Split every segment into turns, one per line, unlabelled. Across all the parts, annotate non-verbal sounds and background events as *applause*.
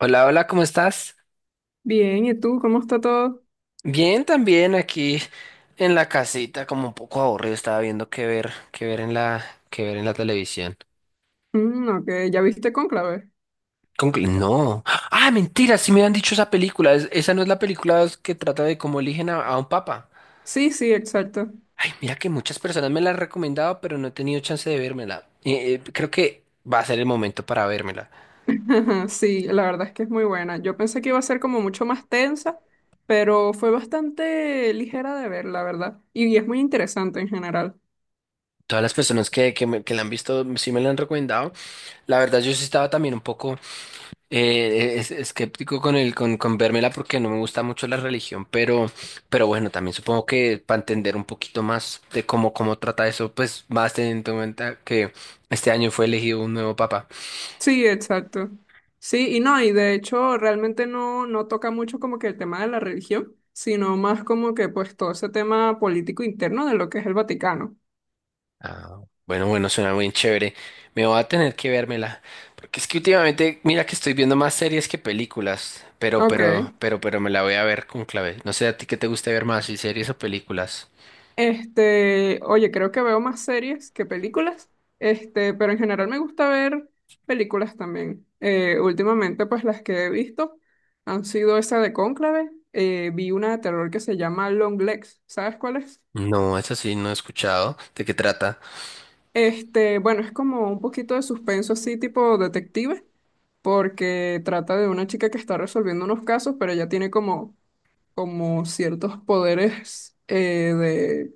Hola, hola, ¿cómo estás?
Bien, ¿y tú? ¿Cómo está todo?
Bien, también aquí en la casita, como un poco aburrido, estaba viendo qué ver en la televisión.
Mm, ok, ¿ya viste Cónclave?
No. Ah, mentira, sí me han dicho esa película. Esa no es la película que trata de cómo eligen a un papa.
Sí, sí, exacto.
Ay, mira que muchas personas me la han recomendado, pero no he tenido chance de vérmela. Creo que va a ser el momento para vérmela.
*laughs* Sí, la verdad es que es muy buena. Yo pensé que iba a ser como mucho más tensa, pero fue bastante ligera de ver, la verdad. Y es muy interesante en general.
Todas las personas que la han visto sí me la han recomendado. La verdad, yo sí estaba también un poco. Es Escéptico con el con vérmela porque no me gusta mucho la religión, pero bueno, también supongo que para entender un poquito más de cómo, cómo trata eso, pues más teniendo en cuenta que este año fue elegido un nuevo papa.
Sí, exacto. Sí, y no, y de hecho realmente no toca mucho como que el tema de la religión, sino más como que pues todo ese tema político interno de lo que es el Vaticano.
Ah, bueno, bueno, suena muy chévere. Me voy a tener que vérmela. Porque es que últimamente, mira que estoy viendo más series que películas, pero,
Ok.
pero, pero, pero me la voy a ver con clave. No sé a ti qué te gusta ver más, si series o películas.
Este, oye, creo que veo más series que películas, este, pero en general me gusta ver películas también. Últimamente, pues las que he visto han sido esa de Cónclave. Vi una de terror que se llama Long Legs, ¿sabes cuál es?
No, eso sí, no he escuchado. ¿De qué trata?
Este, bueno, es como un poquito de suspenso así, tipo detective, porque trata de una chica que está resolviendo unos casos, pero ella tiene como, como ciertos poderes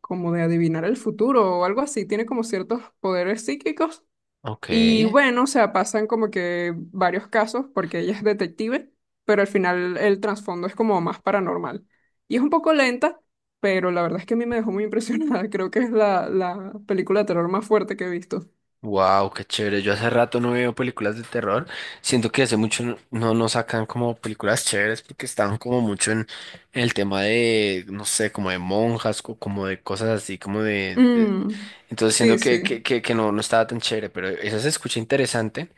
como de adivinar el futuro o algo así, tiene como ciertos poderes psíquicos.
Ok.
Y bueno, o sea, pasan como que varios casos porque ella es detective, pero al final el trasfondo es como más paranormal. Y es un poco lenta, pero la verdad es que a mí me dejó muy impresionada. *laughs* Creo que es la película de terror más fuerte que he visto.
Wow, qué chévere. Yo hace rato no veo películas de terror. Siento que hace mucho no nos sacan como películas chéveres porque estaban como mucho en el tema de, no sé, como de monjas, como de cosas así.
Mm,
Entonces
sí,
siento que,
sí.
que, que, que no estaba tan chévere, pero esa se escucha interesante.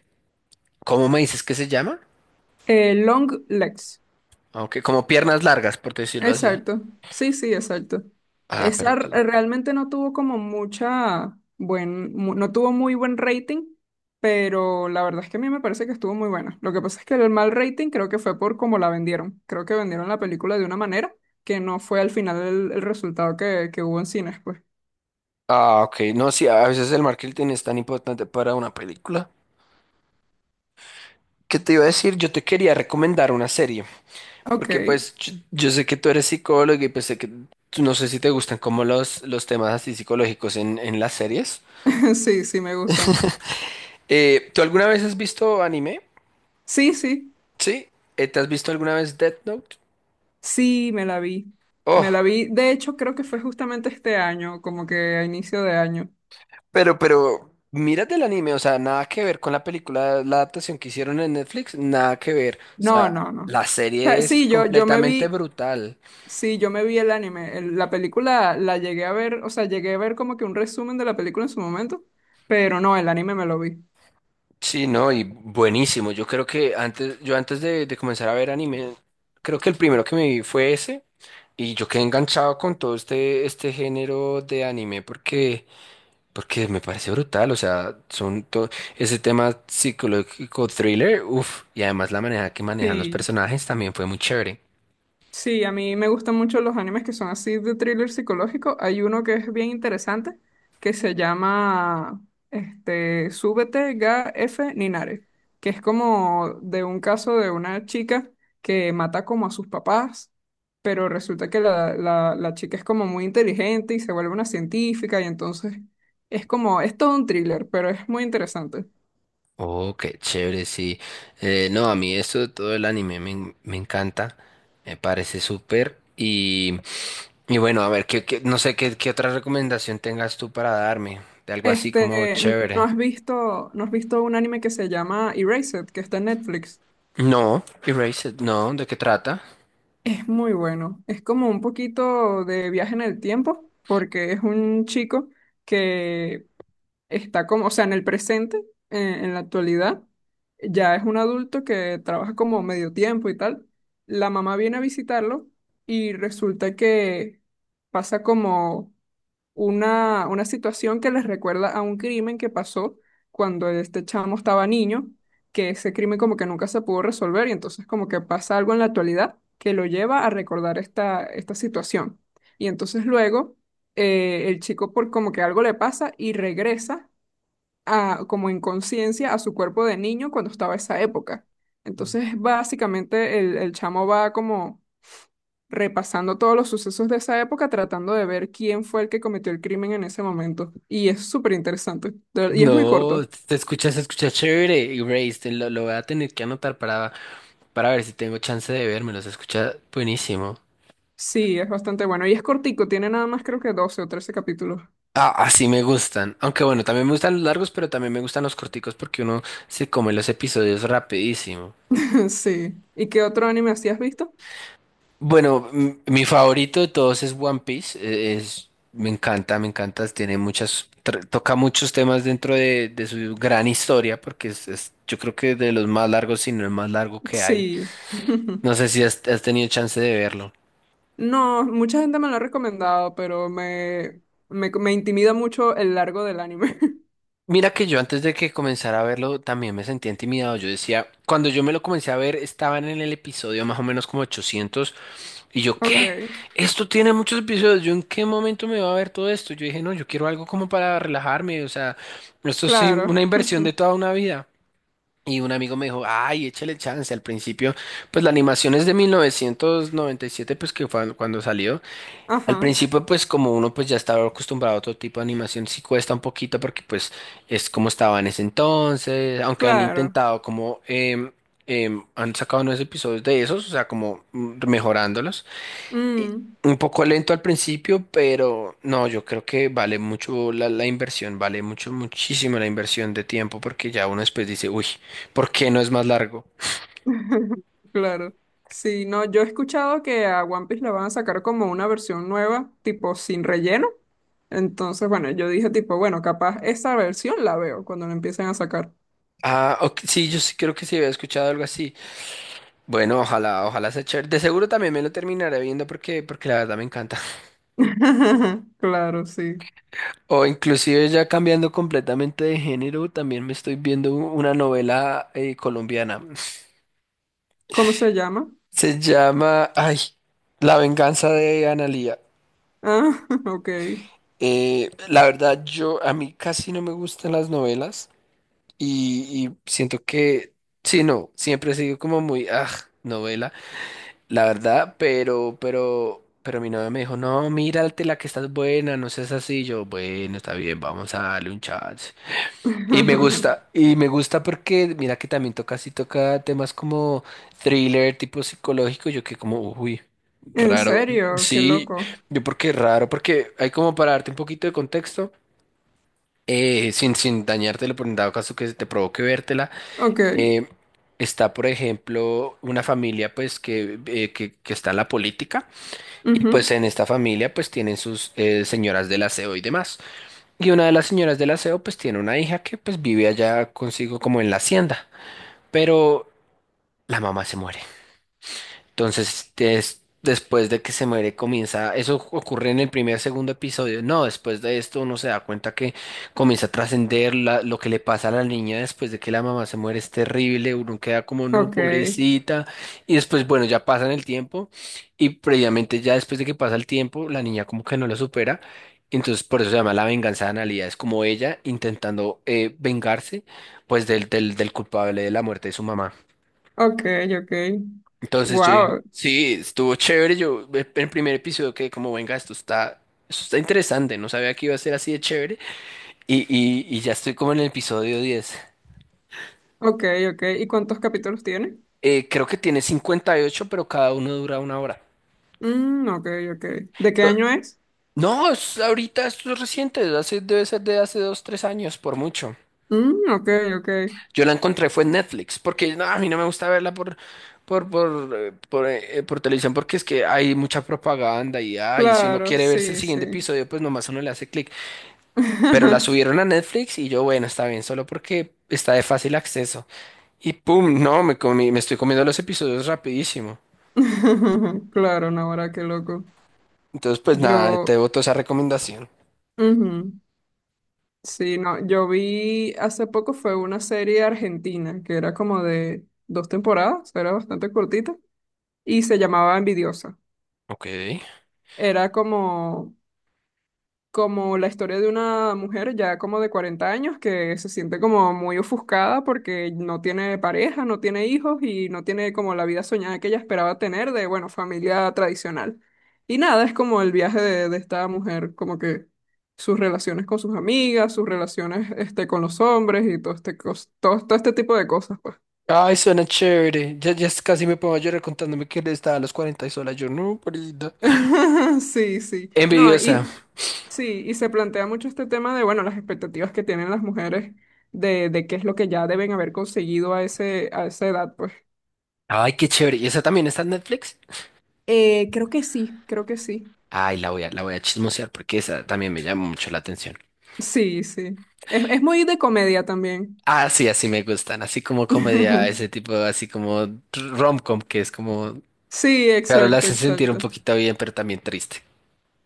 ¿Cómo me dices que se llama?
Long Legs.
Aunque como piernas largas, por decirlo así.
Exacto, sí, sí, exacto.
Ah, pero tú.
Realmente no tuvo como mucha buen, no tuvo muy buen rating, pero la verdad es que a mí me parece que estuvo muy buena. Lo que pasa es que el mal rating creo que fue por cómo la vendieron. Creo que vendieron la película de una manera que no fue al final el resultado que hubo en cines, pues.
Ah, ok. No, sí, a veces el marketing es tan importante para una película. ¿Qué te iba a decir? Yo te quería recomendar una serie.
Ok,
Porque pues yo sé que tú eres psicólogo y pues sé que no sé si te gustan como los temas así psicológicos en las series.
*laughs* sí, sí, me gustan.
¿Tú alguna vez has visto anime?
Sí, sí,
Sí. ¿Te has visto alguna vez Death Note?
sí, me la vi. Me
Oh,
la vi, de hecho, creo que fue justamente este año, como que a inicio de año.
mírate el anime, o sea, nada que ver con la película, la adaptación que hicieron en Netflix, nada que ver. O
No,
sea,
no, no.
la
O sea,
serie es
sí, yo me
completamente
vi,
brutal.
sí, yo me vi el anime. La película la llegué a ver, o sea, llegué a ver como que un resumen de la película en su momento, pero no, el anime me lo vi.
Sí, no, y buenísimo. Yo creo que antes, yo antes de comenzar a ver anime, creo que el primero que me vi fue ese, y yo quedé enganchado con todo este género de anime porque me parece brutal. O sea, son todo ese tema psicológico thriller, uff, y además la manera que manejan los
Sí.
personajes también fue muy chévere.
Sí, a mí me gustan mucho los animes que son así de thriller psicológico. Hay uno que es bien interesante que se llama este, Súbete Ga F Ninare, que es como de un caso de una chica que mata como a sus papás, pero resulta que la chica es como muy inteligente y se vuelve una científica y entonces es como, es todo un thriller, pero es muy interesante.
Oh, qué chévere, sí. No, a mí esto de todo el anime me encanta, me parece súper. Y bueno, a ver, no sé qué otra recomendación tengas tú para darme, de algo así como
Este,
chévere.
¿no has visto un anime que se llama Erased, que está en Netflix?
No, Erased, no, ¿de qué trata?
Es muy bueno. Es como un poquito de viaje en el tiempo, porque es un chico que está como, o sea, en el presente, en la actualidad, ya es un adulto que trabaja como medio tiempo y tal. La mamá viene a visitarlo y resulta que pasa como una situación que les recuerda a un crimen que pasó cuando este chamo estaba niño, que ese crimen como que nunca se pudo resolver y entonces como que pasa algo en la actualidad que lo lleva a recordar esta situación. Y entonces luego el chico por como que algo le pasa y regresa a, como en conciencia a su cuerpo de niño cuando estaba esa época. Entonces básicamente el chamo va como repasando todos los sucesos de esa época, tratando de ver quién fue el que cometió el crimen en ese momento. Y es súper interesante. Y es muy
No,
corto.
se escucha chévere, Erased, lo voy a tener que anotar para ver si tengo chance de verme, se escucha buenísimo.
Sí, es bastante bueno. Y es cortico, tiene nada más creo que doce o trece capítulos.
Ah, así me gustan. Aunque bueno, también me gustan los largos, pero también me gustan los corticos porque uno se come los episodios rapidísimo.
*laughs* Sí. ¿Y qué otro anime así has visto?
Bueno, mi favorito de todos es One Piece. Me encanta, me encanta. Tiene toca muchos temas dentro de su gran historia porque yo creo que de los más largos, si no el más largo que hay.
Sí. *laughs*
No sé si has tenido chance de verlo.
No, mucha gente me lo ha recomendado, pero me intimida mucho el largo del anime. *laughs*
Mira que yo antes de que comenzara a verlo también me sentía intimidado. Yo decía, cuando yo me lo comencé a ver, estaban en el episodio más o menos como 800. Y yo,
Ok,
¿qué? Esto tiene muchos episodios. ¿Yo en qué momento me va a ver todo esto? Yo dije, no, yo quiero algo como para relajarme. O sea, esto es sí una
claro.
inversión
*laughs*
de toda una vida. Y un amigo me dijo, ay, échale chance. Al principio, pues la animación es de 1997 pues que fue cuando salió. Al
Ajá,
principio, pues como uno pues ya estaba acostumbrado a otro tipo de animación, sí cuesta un poquito porque pues es como estaba en ese entonces, aunque han
claro.
intentado como. Han sacado nuevos episodios de esos, o sea, como mejorándolos y
Mm.
un poco lento al principio, pero no, yo creo que vale mucho la inversión, vale mucho, muchísimo la inversión de tiempo, porque ya uno después dice, uy, ¿por qué no es más largo?
*laughs* Claro. Sí, no, yo he escuchado que a One Piece la van a sacar como una versión nueva, tipo sin relleno. Entonces, bueno, yo dije tipo, bueno, capaz esa versión la veo cuando la empiecen a sacar.
Ah, ok, sí, yo sí creo que sí había escuchado algo así. Bueno, ojalá, ojalá sea chévere. De seguro también me lo terminaré viendo porque la verdad me encanta. *laughs*
*laughs* Claro, sí.
O inclusive ya cambiando completamente de género, también me estoy viendo una novela colombiana.
¿Cómo se llama?
Se llama, ay, La venganza de Analía.
Ah, *laughs* ok.
La verdad, yo a mí casi no me gustan las novelas y siento que, sí, no, siempre he sido como muy, novela, la verdad, pero mi novia me dijo, no, mírate la que estás buena, no seas así, yo, bueno, está bien, vamos a darle un chance.
*laughs*
Y me gusta porque, mira que también toca, sí toca temas como thriller, tipo psicológico, yo que como, uy.
En
Raro,
serio, qué
sí,
loco.
yo porque raro, porque hay como para darte un poquito de contexto sin dañártelo, por en dado caso que te provoque vértela,
Ok.
eh, está, por ejemplo, una familia pues que está en la política y pues
Ujú.
en esta familia pues tienen sus señoras del aseo y demás. Y una de las señoras del aseo pues tiene una hija que pues vive allá consigo como en la hacienda, pero la mamá se muere. Entonces, después de que se muere, comienza, eso ocurre en el primer, segundo episodio. No, después de esto uno se da cuenta que comienza a trascender lo que le pasa a la niña después de que la mamá se muere es terrible, uno queda como, no,
Ok.
pobrecita. Y después, bueno, ya pasan el tiempo y previamente ya después de que pasa el tiempo, la niña como que no lo supera. Entonces, por eso se llama la venganza de Analía. Es como ella intentando vengarse, pues, del culpable de la muerte de su mamá.
Ok, ok.
Entonces yo dije,
Wow.
sí, estuvo chévere. Yo en el primer episodio quedé como, venga, esto está interesante. No sabía que iba a ser así de chévere. Y ya estoy como en el episodio 10.
Ok, ok. ¿Y cuántos capítulos tiene?
Creo que tiene 58, pero cada uno dura una hora.
Mm, ok, ok. ¿De qué
To-
año es?
No, ahorita esto es reciente. Debe ser de hace 2, 3 años, por mucho.
Mm, ok, ok.
Yo la encontré fue en Netflix, porque no, a mí no me gusta verla por televisión, porque es que hay mucha propaganda y si uno
Claro,
quiere verse el
sí,
siguiente
sí.
episodio, pues nomás uno le hace clic. Pero la
*laughs*
subieron a Netflix y yo, bueno, está bien, solo porque está de fácil acceso. Y pum, no, me estoy comiendo los episodios rapidísimo.
Claro, Nahora, qué loco.
Entonces, pues nada, te
Yo,
boto esa recomendación.
ujú, sí, no, yo vi hace poco fue una serie argentina que era como de dos temporadas, era bastante cortita y se llamaba Envidiosa.
Ok.
Era como como la historia de una mujer ya como de 40 años que se siente como muy ofuscada porque no tiene pareja, no tiene hijos y no tiene como la vida soñada que ella esperaba tener de, bueno, familia tradicional. Y nada, es como el viaje de esta mujer, como que sus relaciones con sus amigas, sus relaciones este, con los hombres y todo este, todo, todo este tipo de cosas, pues.
Ay, suena chévere. Ya casi me pongo a llorar contándome que él estaba a los 40 y sola. Yo, no, pobrecita.
*laughs* Sí, sí. No,
Envidiosa.
y sí, y se plantea mucho este tema de, bueno, las expectativas que tienen las mujeres de qué es lo que ya deben haber conseguido a ese, a esa edad, pues.
Ay, qué chévere. ¿Y esa también está en Netflix?
Creo que sí, creo que sí.
Ay, la voy a chismosear porque esa también me llama mucho la atención.
Sí, sí. Es muy de comedia también.
Ah, sí, así me gustan. Así como comedia,
*laughs*
ese tipo, así como rom-com, que es como.
Sí,
Claro, la
exacto,
hace sentir un
exacto.
poquito bien, pero también triste.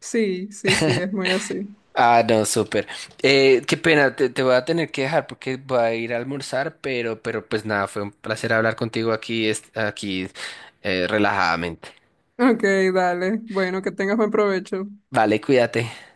Sí, sí, sí, es muy así.
Ah, no, súper. Qué pena, te voy a tener que dejar porque voy a ir a almorzar, pero pues nada, fue un placer hablar contigo aquí, relajadamente.
Ok, dale. Bueno, que tengas buen provecho.
Vale, cuídate.